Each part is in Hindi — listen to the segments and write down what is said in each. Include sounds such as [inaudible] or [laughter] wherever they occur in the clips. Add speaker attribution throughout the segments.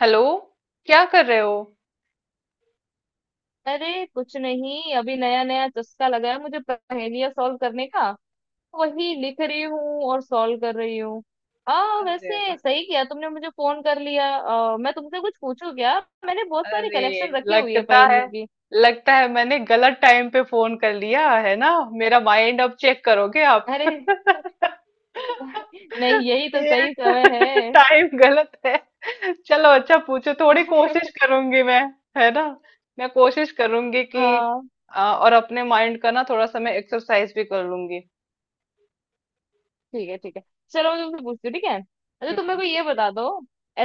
Speaker 1: हेलो। क्या कर रहे हो?
Speaker 2: अरे, कुछ नहीं। अभी नया नया चस्का लगा है मुझे पहेलियां सॉल्व करने का। वही लिख रही हूँ और सॉल्व कर रही हूँ। आ
Speaker 1: अरे
Speaker 2: वैसे
Speaker 1: वाह।
Speaker 2: सही किया तुमने मुझे फोन कर लिया। मैं तुमसे कुछ पूछूं क्या? मैंने बहुत सारी
Speaker 1: अरे,
Speaker 2: कलेक्शन रखी हुई है
Speaker 1: लगता
Speaker 2: पहेलियों
Speaker 1: है
Speaker 2: की।
Speaker 1: लगता है मैंने गलत टाइम पे फोन कर लिया है ना। मेरा माइंड अब चेक करोगे आप?
Speaker 2: अरे!
Speaker 1: [laughs]
Speaker 2: [laughs] नहीं, यही तो
Speaker 1: ये
Speaker 2: सही समय है।
Speaker 1: टाइम गलत है। चलो, अच्छा पूछो, थोड़ी कोशिश
Speaker 2: [laughs]
Speaker 1: करूंगी मैं। है ना। मैं कोशिश करूंगी कि
Speaker 2: हाँ,
Speaker 1: और अपने माइंड का ना थोड़ा सा मैं एक्सरसाइज भी कर लूंगी।
Speaker 2: ठीक है ठीक है। चलो, मैं तुमसे पूछती हूँ, ठीक है? अच्छा, तुम मेरे
Speaker 1: हम्म,
Speaker 2: को ये
Speaker 1: ठीक है।
Speaker 2: बता दो।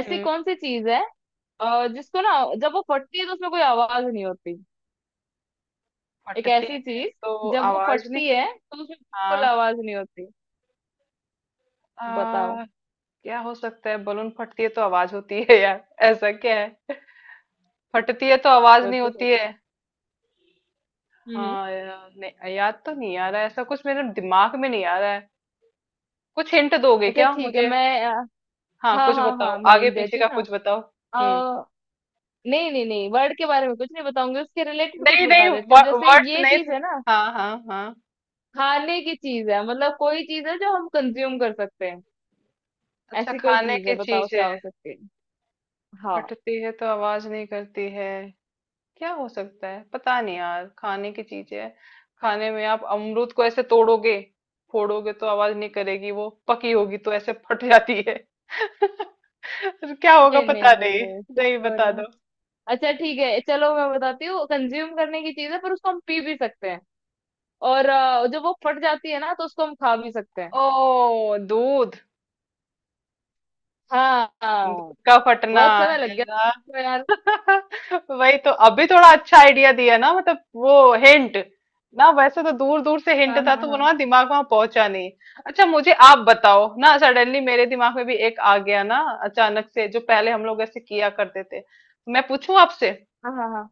Speaker 2: ऐसी कौन सी चीज है जिसको ना जब वो फटती है तो उसमें कोई आवाज नहीं होती। एक
Speaker 1: फटती
Speaker 2: ऐसी
Speaker 1: है
Speaker 2: चीज
Speaker 1: तो
Speaker 2: जब वो
Speaker 1: आवाज नहीं
Speaker 2: फटती है
Speaker 1: होती।
Speaker 2: तो उसमें बिल्कुल आवाज नहीं होती। बताओ।
Speaker 1: हाँ। क्या हो सकता है? बलून फटती है तो आवाज होती है यार। ऐसा क्या है? फटती है तो आवाज
Speaker 2: मैं
Speaker 1: नहीं
Speaker 2: तो
Speaker 1: होती
Speaker 2: सोचो।
Speaker 1: है?
Speaker 2: हम्म।
Speaker 1: हाँ यार, नहीं याद तो नहीं आ रहा है, ऐसा कुछ मेरे दिमाग में नहीं आ रहा है। कुछ हिंट दोगे
Speaker 2: अच्छा,
Speaker 1: क्या
Speaker 2: ठीक है।
Speaker 1: मुझे?
Speaker 2: मैं
Speaker 1: हाँ,
Speaker 2: हाँ
Speaker 1: कुछ
Speaker 2: हाँ
Speaker 1: बताओ,
Speaker 2: हाँ, मैं
Speaker 1: आगे
Speaker 2: हिंट
Speaker 1: पीछे
Speaker 2: देती
Speaker 1: का
Speaker 2: हूँ ना।
Speaker 1: कुछ बताओ। हम्म।
Speaker 2: अ, नहीं नहीं नहीं, वर्ड के बारे में कुछ नहीं बताऊंगी। उसके रिलेटेड कुछ
Speaker 1: नहीं नहीं,
Speaker 2: बता देती हूँ। जैसे
Speaker 1: वर्ड्स
Speaker 2: ये
Speaker 1: नहीं थे।
Speaker 2: चीज है ना,
Speaker 1: हाँ हाँ हाँ।
Speaker 2: खाने की चीज है। मतलब कोई चीज है जो हम कंज्यूम कर सकते हैं।
Speaker 1: अच्छा,
Speaker 2: ऐसी कोई
Speaker 1: खाने
Speaker 2: चीज
Speaker 1: की
Speaker 2: है, बताओ
Speaker 1: चीज है।
Speaker 2: क्या हो सकती है। हाँ।
Speaker 1: फटती है तो आवाज नहीं करती है। क्या हो सकता है, पता नहीं यार, खाने की चीज है। खाने में आप अमरूद को ऐसे तोड़ोगे, फोड़ोगे तो आवाज नहीं करेगी, वो पकी होगी तो ऐसे फट जाती है। [laughs] क्या होगा
Speaker 2: नहीं नहीं
Speaker 1: पता
Speaker 2: नहीं
Speaker 1: नहीं।
Speaker 2: नहीं,
Speaker 1: नहीं,
Speaker 2: कुछ और
Speaker 1: बता
Speaker 2: है।
Speaker 1: दो।
Speaker 2: अच्छा ठीक है, चलो मैं बताती हूँ। कंज्यूम करने की चीज है पर उसको हम पी भी सकते हैं। और जब वो फट जाती है ना तो उसको हम खा भी सकते हैं।
Speaker 1: ओ, दूध।
Speaker 2: हाँ हाँ।
Speaker 1: दूध का फटना
Speaker 2: बहुत समय लग गया
Speaker 1: है।
Speaker 2: तो यार।
Speaker 1: [laughs] वही तो, अभी थोड़ा अच्छा आइडिया दिया ना, मतलब वो हिंट ना, वैसे तो दूर दूर से हिंट
Speaker 2: हाँ
Speaker 1: था
Speaker 2: हाँ
Speaker 1: तो वो
Speaker 2: हाँ
Speaker 1: ना दिमाग वहां पहुंचा नहीं। अच्छा, मुझे आप बताओ ना, सडनली मेरे दिमाग में भी एक आ गया ना, अचानक से जो पहले हम लोग ऐसे किया करते थे, तो मैं पूछूं आपसे?
Speaker 2: हाँ हाँ हाँ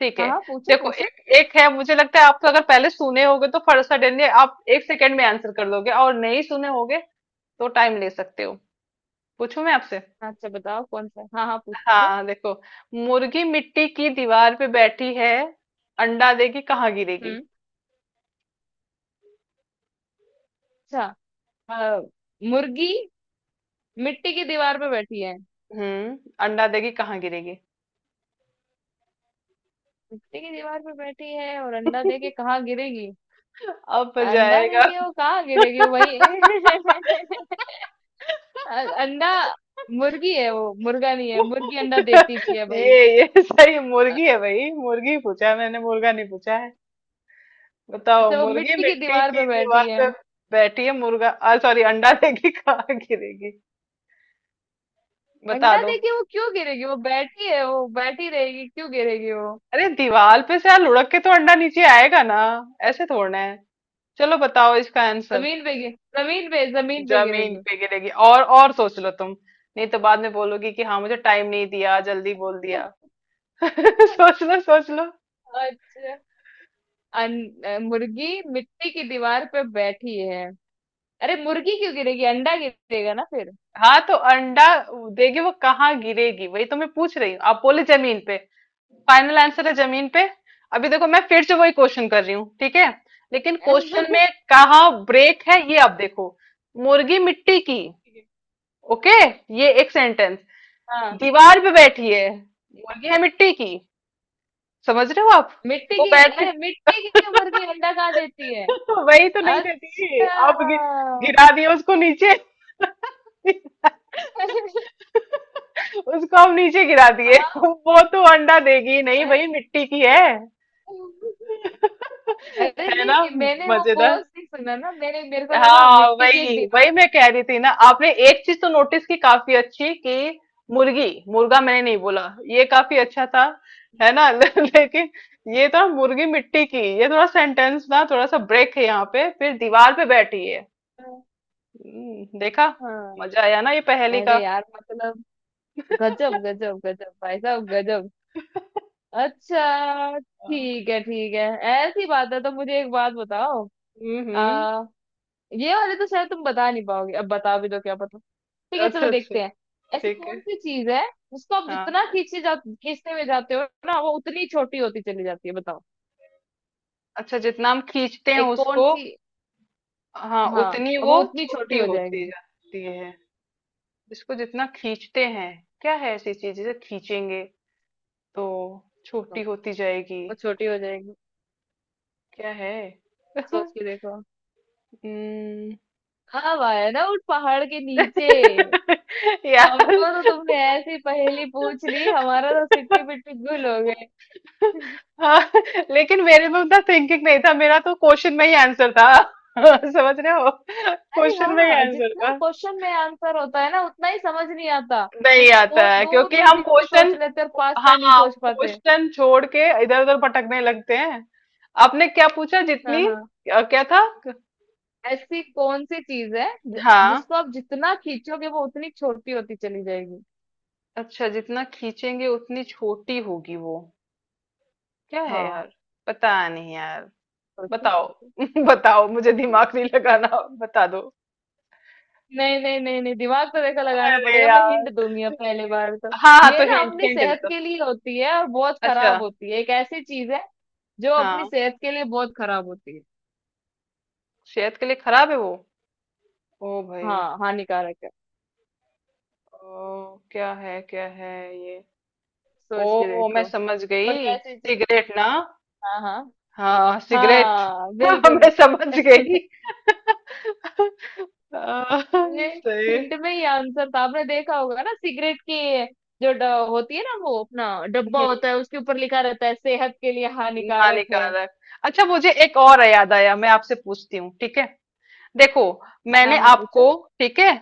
Speaker 1: ठीक है।
Speaker 2: हाँ हाँ, पूछो
Speaker 1: देखो,
Speaker 2: पूछो।
Speaker 1: एक एक है, मुझे लगता है आप तो अगर पहले सुने होगे तो फट सडनली आप 1 सेकेंड में आंसर कर दोगे, और नहीं सुने होगे तो टाइम ले सकते हो। पूछूं मैं आपसे?
Speaker 2: अच्छा बताओ कौन सा? हाँ हाँ, पूछो।
Speaker 1: हाँ, देखो। मुर्गी मिट्टी की दीवार पे बैठी है, अंडा देगी कहाँ गिरेगी?
Speaker 2: हम्म। अच्छा। अ, मुर्गी मिट्टी की दीवार पे बैठी है।
Speaker 1: हम्म। अंडा देगी कहाँ गिरेगी?
Speaker 2: मिट्टी की दीवार पे बैठी है और अंडा दे के
Speaker 1: [laughs]
Speaker 2: कहाँ गिरेगी?
Speaker 1: अब
Speaker 2: अंडा दे
Speaker 1: जाएगा।
Speaker 2: के वो कहाँ गिरेगी वो, भाई? [laughs] अंडा! मुर्गी है वो, मुर्गा नहीं है। मुर्गी अंडा देती भी है, भाई।
Speaker 1: ये सही
Speaker 2: अ-
Speaker 1: मुर्गी है भाई, मुर्गी पूछा है मैंने, मुर्गा नहीं पूछा है। बताओ,
Speaker 2: अच्छा, वो
Speaker 1: मुर्गी
Speaker 2: मिट्टी की
Speaker 1: मिट्टी
Speaker 2: दीवार
Speaker 1: की
Speaker 2: पे
Speaker 1: दीवार
Speaker 2: बैठी है।
Speaker 1: पे बैठी है मुर्गा, सॉरी, अंडा देगी कहाँ गिरेगी? बता
Speaker 2: अंडा
Speaker 1: दो।
Speaker 2: देके वो क्यों गिरेगी? वो बैठी है, वो बैठी रहेगी। क्यों गिरेगी वो?
Speaker 1: अरे दीवार पे से यार लुढ़क के तो अंडा नीचे आएगा ना, ऐसे थोड़ना है। चलो, बताओ इसका आंसर।
Speaker 2: जमीन पे गिर, जमीन पे, जमीन पे
Speaker 1: जमीन
Speaker 2: गिरेगी।
Speaker 1: पे गिरेगी, और सोच लो तुम, नहीं तो बाद में बोलोगी कि हाँ मुझे टाइम नहीं दिया, जल्दी बोल दिया। [laughs] सोच
Speaker 2: [laughs]
Speaker 1: लो सोच लो।
Speaker 2: अच्छा। अन, मुर्गी मिट्टी की दीवार पे बैठी है। अरे मुर्गी क्यों गिरेगी, अंडा गिरेगा ना फिर।
Speaker 1: हाँ तो अंडा देगी वो, कहाँ गिरेगी, वही तो मैं पूछ रही हूँ, आप बोले जमीन पे? फाइनल आंसर है जमीन पे? अभी देखो, मैं फिर से वही क्वेश्चन कर रही हूँ, ठीक है। लेकिन क्वेश्चन में
Speaker 2: [laughs]
Speaker 1: कहाँ ब्रेक है, ये आप देखो। मुर्गी मिट्टी की, ओके, ये एक सेंटेंस।
Speaker 2: हाँ,
Speaker 1: दीवार पे बैठी है। मुर्गी है मिट्टी की, समझ रहे हो आप?
Speaker 2: मिट्टी
Speaker 1: वो
Speaker 2: की।
Speaker 1: बैठ [laughs]
Speaker 2: अरे, मिट्टी की मुर्गी अंडा कहाँ देती है?
Speaker 1: वही तो नहीं
Speaker 2: अच्छा।
Speaker 1: देती, आप गिरा दिए उसको नीचे। [laughs]
Speaker 2: [laughs]
Speaker 1: उसको हम नीचे गिरा दिए। [laughs]
Speaker 2: हाँ।
Speaker 1: वो तो अंडा देगी नहीं
Speaker 2: अरे,
Speaker 1: भाई, मिट्टी की है।
Speaker 2: अरे
Speaker 1: [laughs] है
Speaker 2: नहीं
Speaker 1: ना,
Speaker 2: नहीं, मैंने वो पोज
Speaker 1: मजेदार।
Speaker 2: नहीं सुना ना। मैंने, मेरे को लगा
Speaker 1: हाँ
Speaker 2: मिट्टी की एक
Speaker 1: वही वही
Speaker 2: दीवार।
Speaker 1: मैं कह रही थी ना, आपने एक चीज तो नोटिस की काफी अच्छी, कि मुर्गी। मुर्गा मैंने नहीं बोला, ये काफी अच्छा था, है ना। [laughs] लेकिन ये तो मुर्गी मिट्टी की, ये थोड़ा सेंटेंस ना थोड़ा सा ब्रेक है यहाँ पे, फिर दीवार पे बैठी है।
Speaker 2: हाँ।
Speaker 1: देखा, मजा आया ना ये पहेली
Speaker 2: अरे
Speaker 1: का।
Speaker 2: यार, मतलब गजब गजब गजब, भाई साहब गजब। अच्छा
Speaker 1: हाँ।
Speaker 2: ठीक है, ठीक है। ऐसी बात है तो मुझे एक बात बताओ।
Speaker 1: हम्म।
Speaker 2: आ, ये वाले तो शायद तुम बता नहीं पाओगे, अब बता भी दो क्या पता। ठीक है,
Speaker 1: अच्छा
Speaker 2: चलो
Speaker 1: अच्छा,
Speaker 2: देखते हैं। ऐसी
Speaker 1: ठीक है।
Speaker 2: कौन सी चीज है जिसको आप
Speaker 1: हाँ।
Speaker 2: जितना खींचे जा, खींचते हुए जाते हो ना, वो उतनी छोटी होती चली जाती है। बताओ।
Speaker 1: अच्छा, जितना हम खींचते हैं
Speaker 2: एक कौन
Speaker 1: उसको।
Speaker 2: सी?
Speaker 1: हाँ,
Speaker 2: हाँ,
Speaker 1: उतनी
Speaker 2: अब
Speaker 1: वो
Speaker 2: वो उतनी छोटी
Speaker 1: छोटी
Speaker 2: हो
Speaker 1: होती
Speaker 2: जाएगी।
Speaker 1: जाती है। इसको जितना खींचते हैं, क्या है ऐसी चीज जिसे खींचेंगे तो
Speaker 2: हाँ,
Speaker 1: छोटी
Speaker 2: वो
Speaker 1: होती जाएगी?
Speaker 2: छोटी हो जाएगी।
Speaker 1: क्या है? [laughs]
Speaker 2: सोच के देखो।
Speaker 1: हम्म।
Speaker 2: हाँ वाह, है ना उस पहाड़ के नीचे।
Speaker 1: [laughs] यार,
Speaker 2: हमको तो तुमने ऐसी पहेली पूछ ली, हमारा तो सिट्टी पिट्टी गुल हो गए।
Speaker 1: हाँ, लेकिन मेरे में उतना थिंकिंग नहीं था, मेरा तो क्वेश्चन में ही आंसर था। [laughs] समझ रहे हो,
Speaker 2: अरे
Speaker 1: क्वेश्चन में ही
Speaker 2: हाँ,
Speaker 1: आंसर
Speaker 2: जितना
Speaker 1: था।
Speaker 2: क्वेश्चन में आंसर होता है ना, उतना ही समझ नहीं आता। हम
Speaker 1: नहीं आता
Speaker 2: बहुत
Speaker 1: है
Speaker 2: दूर
Speaker 1: क्योंकि
Speaker 2: दूर
Speaker 1: हम
Speaker 2: की चीज़ सोच
Speaker 1: क्वेश्चन,
Speaker 2: लेते और पास का नहीं
Speaker 1: हाँ,
Speaker 2: सोच पाते।
Speaker 1: क्वेश्चन छोड़ के इधर उधर भटकने लगते हैं। आपने क्या पूछा,
Speaker 2: हाँ
Speaker 1: जितनी,
Speaker 2: हाँ।
Speaker 1: क्या था?
Speaker 2: ऐसी कौन सी चीज है
Speaker 1: हाँ।
Speaker 2: जिसको आप जितना खींचोगे वो उतनी छोटी होती चली जाएगी।
Speaker 1: अच्छा, जितना खींचेंगे उतनी छोटी होगी वो, क्या है यार?
Speaker 2: हाँ।
Speaker 1: पता नहीं यार,
Speaker 2: सोचो
Speaker 1: बताओ।
Speaker 2: सोचो।
Speaker 1: [laughs] बताओ, मुझे दिमाग नहीं लगाना, बता दो।
Speaker 2: नहीं नहीं नहीं नहीं, दिमाग तो देखो लगाना
Speaker 1: अरे
Speaker 2: पड़ेगा। मैं
Speaker 1: यार,
Speaker 2: हिंट दूंगी अब, पहले बार तो।
Speaker 1: हाँ हाँ
Speaker 2: ये
Speaker 1: तो
Speaker 2: ना
Speaker 1: हिंट
Speaker 2: अपनी
Speaker 1: हिंट दे
Speaker 2: सेहत
Speaker 1: दो।
Speaker 2: के लिए होती है और बहुत
Speaker 1: अच्छा।
Speaker 2: खराब होती है। एक ऐसी चीज है जो अपनी
Speaker 1: हाँ,
Speaker 2: सेहत के लिए बहुत खराब होती है।
Speaker 1: सेहत के लिए खराब है वो? ओ भाई,
Speaker 2: हाँ, हानिकारक है।
Speaker 1: ओ क्या है ये?
Speaker 2: सोच के
Speaker 1: ओ, मैं
Speaker 2: देखो।
Speaker 1: समझ
Speaker 2: कोई
Speaker 1: गई,
Speaker 2: ऐसी चीज।
Speaker 1: सिगरेट ना?
Speaker 2: हाँ हाँ
Speaker 1: हाँ सिगरेट।
Speaker 2: हाँ,
Speaker 1: [laughs]
Speaker 2: बिल्कुल
Speaker 1: मैं समझ गई।
Speaker 2: बिल्कुल।
Speaker 1: [laughs]
Speaker 2: [laughs] ये
Speaker 1: सही।
Speaker 2: हिंट में ही आंसर था। आपने देखा होगा ना सिगरेट की जो होती है ना, वो अपना डब्बा
Speaker 1: हम्म।
Speaker 2: होता है, उसके ऊपर लिखा रहता है सेहत के लिए हानिकारक है।
Speaker 1: हानिकारक। अच्छा, मुझे एक और याद आया, मैं आपसे पूछती हूँ, ठीक है। देखो,
Speaker 2: हाँ
Speaker 1: मैंने
Speaker 2: हाँ,
Speaker 1: आपको,
Speaker 2: पूछो।
Speaker 1: ठीक है,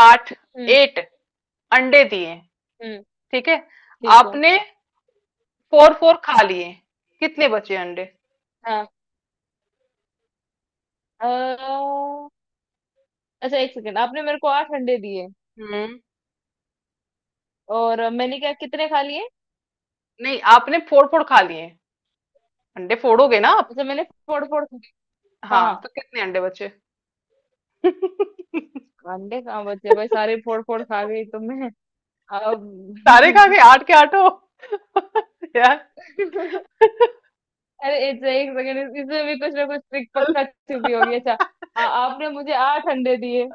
Speaker 1: आठ,
Speaker 2: हम्म
Speaker 1: एट अंडे दिए,
Speaker 2: हम्म,
Speaker 1: ठीक है।
Speaker 2: ठीक है।
Speaker 1: आपने फोर फोर खा लिए, कितने बचे अंडे?
Speaker 2: हाँ। अ, अच्छा एक सेकेंड, आपने मेरे को आठ अंडे दिए
Speaker 1: हम्म।
Speaker 2: और मैंने क्या कितने खा लिए?
Speaker 1: नहीं, आपने फोर फोर खा लिए, अंडे फोड़ोगे ना आप।
Speaker 2: अच्छा, मैंने फोड़ फोड़। हाँ
Speaker 1: हाँ,
Speaker 2: हाँ।
Speaker 1: तो कितने अंडे बचे? [laughs]
Speaker 2: अंडे कहाँ बचे भाई, सारे फोड़ फोड़ खा गई तो मैं,
Speaker 1: सारे खा
Speaker 2: अब।
Speaker 1: गए
Speaker 2: [laughs]
Speaker 1: आठ के आठों। [laughs] यार।
Speaker 2: अरे अच्छा, एक सेकंड, इसमें भी कुछ ना कुछ ट्रिक पक्का छुपी होगी। अच्छा। आपने मुझे आठ अंडे दिए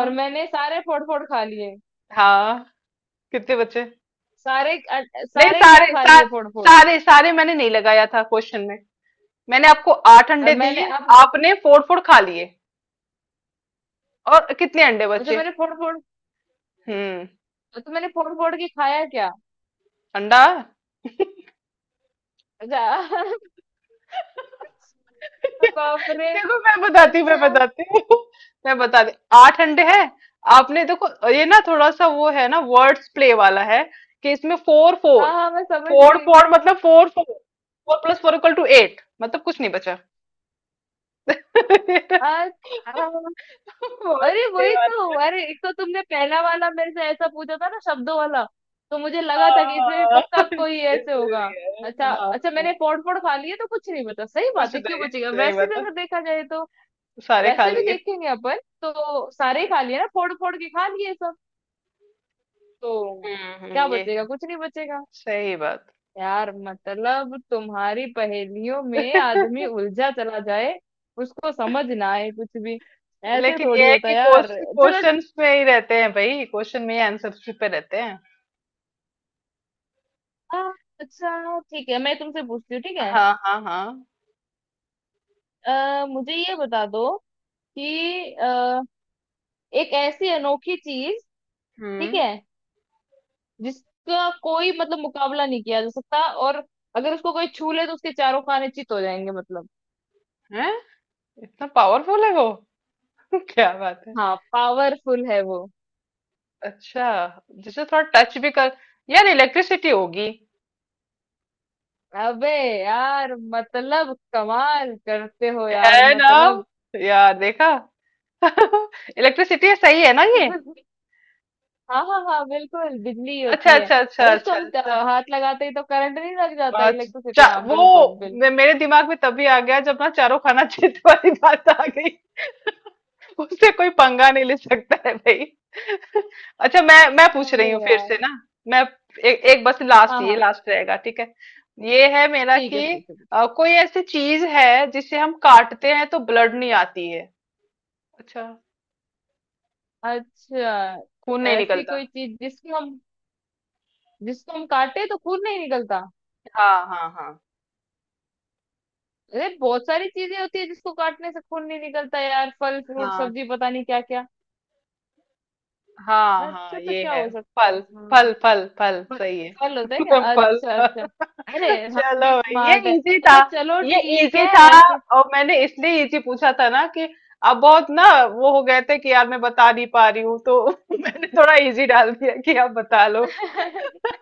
Speaker 2: और मैंने सारे फोड़ फोड़ खा लिए।
Speaker 1: हाँ। कितने बचे?
Speaker 2: सारे
Speaker 1: नहीं,
Speaker 2: सारे क्या खा लिए फोड़ फोड़?
Speaker 1: सारे सारे मैंने नहीं लगाया था क्वेश्चन में। मैंने आपको आठ
Speaker 2: और
Speaker 1: अंडे
Speaker 2: मैंने
Speaker 1: दिए,
Speaker 2: आप
Speaker 1: आपने फोड़ फोड़ खा लिए, और कितने अंडे
Speaker 2: अच्छा,
Speaker 1: बचे?
Speaker 2: मैंने फोड़ फोड़,
Speaker 1: हम्म।
Speaker 2: तो मैंने फोड़ फोड़ के खाया क्या?
Speaker 1: अंडा?
Speaker 2: अच्छा।
Speaker 1: [laughs]
Speaker 2: [laughs] बाप रे।
Speaker 1: देखो, मैं बताती हूँ मैं
Speaker 2: अच्छा।
Speaker 1: बताती हूँ [laughs] मैं बताती, आठ अंडे हैं। आपने देखो, ये ना थोड़ा सा वो है ना, वर्ड्स प्ले वाला है, कि इसमें फोर फोर,
Speaker 2: हाँ हाँ, मैं समझ
Speaker 1: फोर
Speaker 2: गई।
Speaker 1: फोर मतलब four four, four plus four equal to eight, मतलब कुछ नहीं बचा। [laughs] वर्ड्स
Speaker 2: अच्छा। अरे
Speaker 1: प्ले
Speaker 2: वही
Speaker 1: वाला
Speaker 2: तो।
Speaker 1: है।
Speaker 2: अरे एक तो तुमने पहला वाला मेरे से ऐसा पूछा था ना, शब्दों वाला, तो मुझे लगा था कि इसमें भी
Speaker 1: हाँ,
Speaker 2: पक्का कोई ऐसे होगा।
Speaker 1: इसलिए
Speaker 2: अच्छा
Speaker 1: हाँ।
Speaker 2: अच्छा, मैंने पॉट पॉट खा लिया तो कुछ नहीं, बता सही बात
Speaker 1: कुछ
Speaker 2: है, क्यों
Speaker 1: नहीं,
Speaker 2: बचेगा
Speaker 1: सही
Speaker 2: वैसे भी
Speaker 1: बात है,
Speaker 2: अगर देखा जाए तो।
Speaker 1: सारे खा
Speaker 2: वैसे भी
Speaker 1: लिए।
Speaker 2: देखेंगे अपन, तो सारे ही खा लिए ना, फोड़ फोड़ के खा लिए सब, तो क्या
Speaker 1: ये
Speaker 2: बचेगा?
Speaker 1: है
Speaker 2: कुछ नहीं बचेगा।
Speaker 1: सही बात।
Speaker 2: यार, मतलब तुम्हारी पहेलियों में
Speaker 1: [laughs]
Speaker 2: आदमी उलझा चला जाए, उसको समझ ना आए कुछ भी। ऐसे
Speaker 1: लेकिन ये
Speaker 2: थोड़ी
Speaker 1: है
Speaker 2: होता
Speaker 1: कि
Speaker 2: है यार। चलो।
Speaker 1: क्वेश्चंस में ही रहते हैं भाई, क्वेश्चन में ही आंसर्स पे रहते हैं।
Speaker 2: आ, अच्छा ठीक है, मैं तुमसे पूछती हूँ, ठीक है?
Speaker 1: हाँ हाँ हाँ।
Speaker 2: मुझे ये बता दो कि एक ऐसी अनोखी चीज, ठीक
Speaker 1: हम्म।
Speaker 2: है, जिसका कोई मतलब मुकाबला नहीं किया जा सकता, और अगर उसको कोई छू ले तो उसके चारों खाने चित हो जाएंगे, मतलब।
Speaker 1: है, इतना पावरफुल है वो? [laughs] क्या बात है।
Speaker 2: हाँ, पावरफुल है वो।
Speaker 1: अच्छा, जिसे थोड़ा टच भी कर, यार इलेक्ट्रिसिटी होगी।
Speaker 2: अबे यार, मतलब कमाल करते हो यार,
Speaker 1: है ना,
Speaker 2: मतलब।
Speaker 1: यार देखा। [laughs] इलेक्ट्रिसिटी है, सही है ना ये?
Speaker 2: [laughs] हाँ हाँ हाँ, बिल्कुल बिजली
Speaker 1: अच्छा
Speaker 2: होती है।
Speaker 1: अच्छा अच्छा
Speaker 2: अरे, उसको
Speaker 1: अच्छा
Speaker 2: हम
Speaker 1: अच्छा।
Speaker 2: हाथ लगाते ही तो करंट नहीं लग जाता?
Speaker 1: आज
Speaker 2: इलेक्ट्रिसिटी, हाँ बिल्कुल
Speaker 1: वो
Speaker 2: बिल्कुल।
Speaker 1: मेरे दिमाग में तभी आ गया जब ना चारों खाना क्षेत्र वाली बात आ गई, उससे कोई पंगा नहीं ले सकता है भाई। [laughs] अच्छा, मैं पूछ रही
Speaker 2: अरे
Speaker 1: हूँ फिर से
Speaker 2: यार।
Speaker 1: ना, मैं एक बस लास्ट,
Speaker 2: हाँ
Speaker 1: ये
Speaker 2: हाँ,
Speaker 1: लास्ट रहेगा, ठीक है। ये है मेरा
Speaker 2: ठीक है,
Speaker 1: कि
Speaker 2: पूछो पूछो।
Speaker 1: कोई ऐसी चीज है जिसे हम काटते हैं तो ब्लड नहीं आती है? अच्छा।
Speaker 2: अच्छा,
Speaker 1: खून नहीं
Speaker 2: ऐसी
Speaker 1: निकलता।
Speaker 2: कोई चीज जिसको हम काटे तो खून नहीं निकलता?
Speaker 1: हाँ हाँ हाँ।
Speaker 2: अरे बहुत सारी चीजें होती है जिसको काटने से खून नहीं निकलता, यार फल फ्रूट
Speaker 1: हाँ
Speaker 2: सब्जी, पता नहीं क्या क्या।
Speaker 1: हाँ हाँ,
Speaker 2: अच्छा, तो
Speaker 1: ये
Speaker 2: क्या
Speaker 1: है।
Speaker 2: हो सकता है?
Speaker 1: फल। फल
Speaker 2: हाँ,
Speaker 1: फल फल
Speaker 2: फल।
Speaker 1: सही है।
Speaker 2: फल होता है क्या?
Speaker 1: [laughs] फल।
Speaker 2: अच्छा
Speaker 1: [laughs]
Speaker 2: अच्छा। अरे हम भी
Speaker 1: चलो भाई, ये
Speaker 2: स्मार्ट है।
Speaker 1: इजी था,
Speaker 2: अच्छा चलो,
Speaker 1: ये
Speaker 2: ठीक
Speaker 1: इजी था,
Speaker 2: है फिर।
Speaker 1: और मैंने इसलिए इजी पूछा था ना, कि अब बहुत ना वो हो गए थे कि यार मैं बता नहीं पा रही हूँ तो। [laughs] मैंने थोड़ा इजी डाल दिया कि आप बता लो।
Speaker 2: [laughs]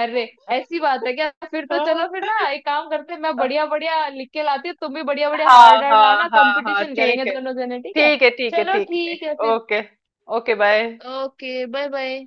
Speaker 2: अरे ऐसी बात है क्या? फिर तो चलो फिर
Speaker 1: हाँ
Speaker 2: ना, एक काम करते हैं, मैं बढ़िया बढ़िया लिख के लाती हूँ, तुम भी बढ़िया बढ़िया
Speaker 1: हाँ
Speaker 2: हार्ड हार्ड
Speaker 1: हाँ
Speaker 2: लाना,
Speaker 1: हाँ हाँ,
Speaker 2: कंपटीशन करेंगे
Speaker 1: ठीक है।
Speaker 2: दोनों जने, ठीक है?
Speaker 1: ठीक है ठीक है
Speaker 2: चलो
Speaker 1: ठीक है।
Speaker 2: ठीक है फिर।
Speaker 1: Okay. Okay bye.
Speaker 2: Okay, bye bye.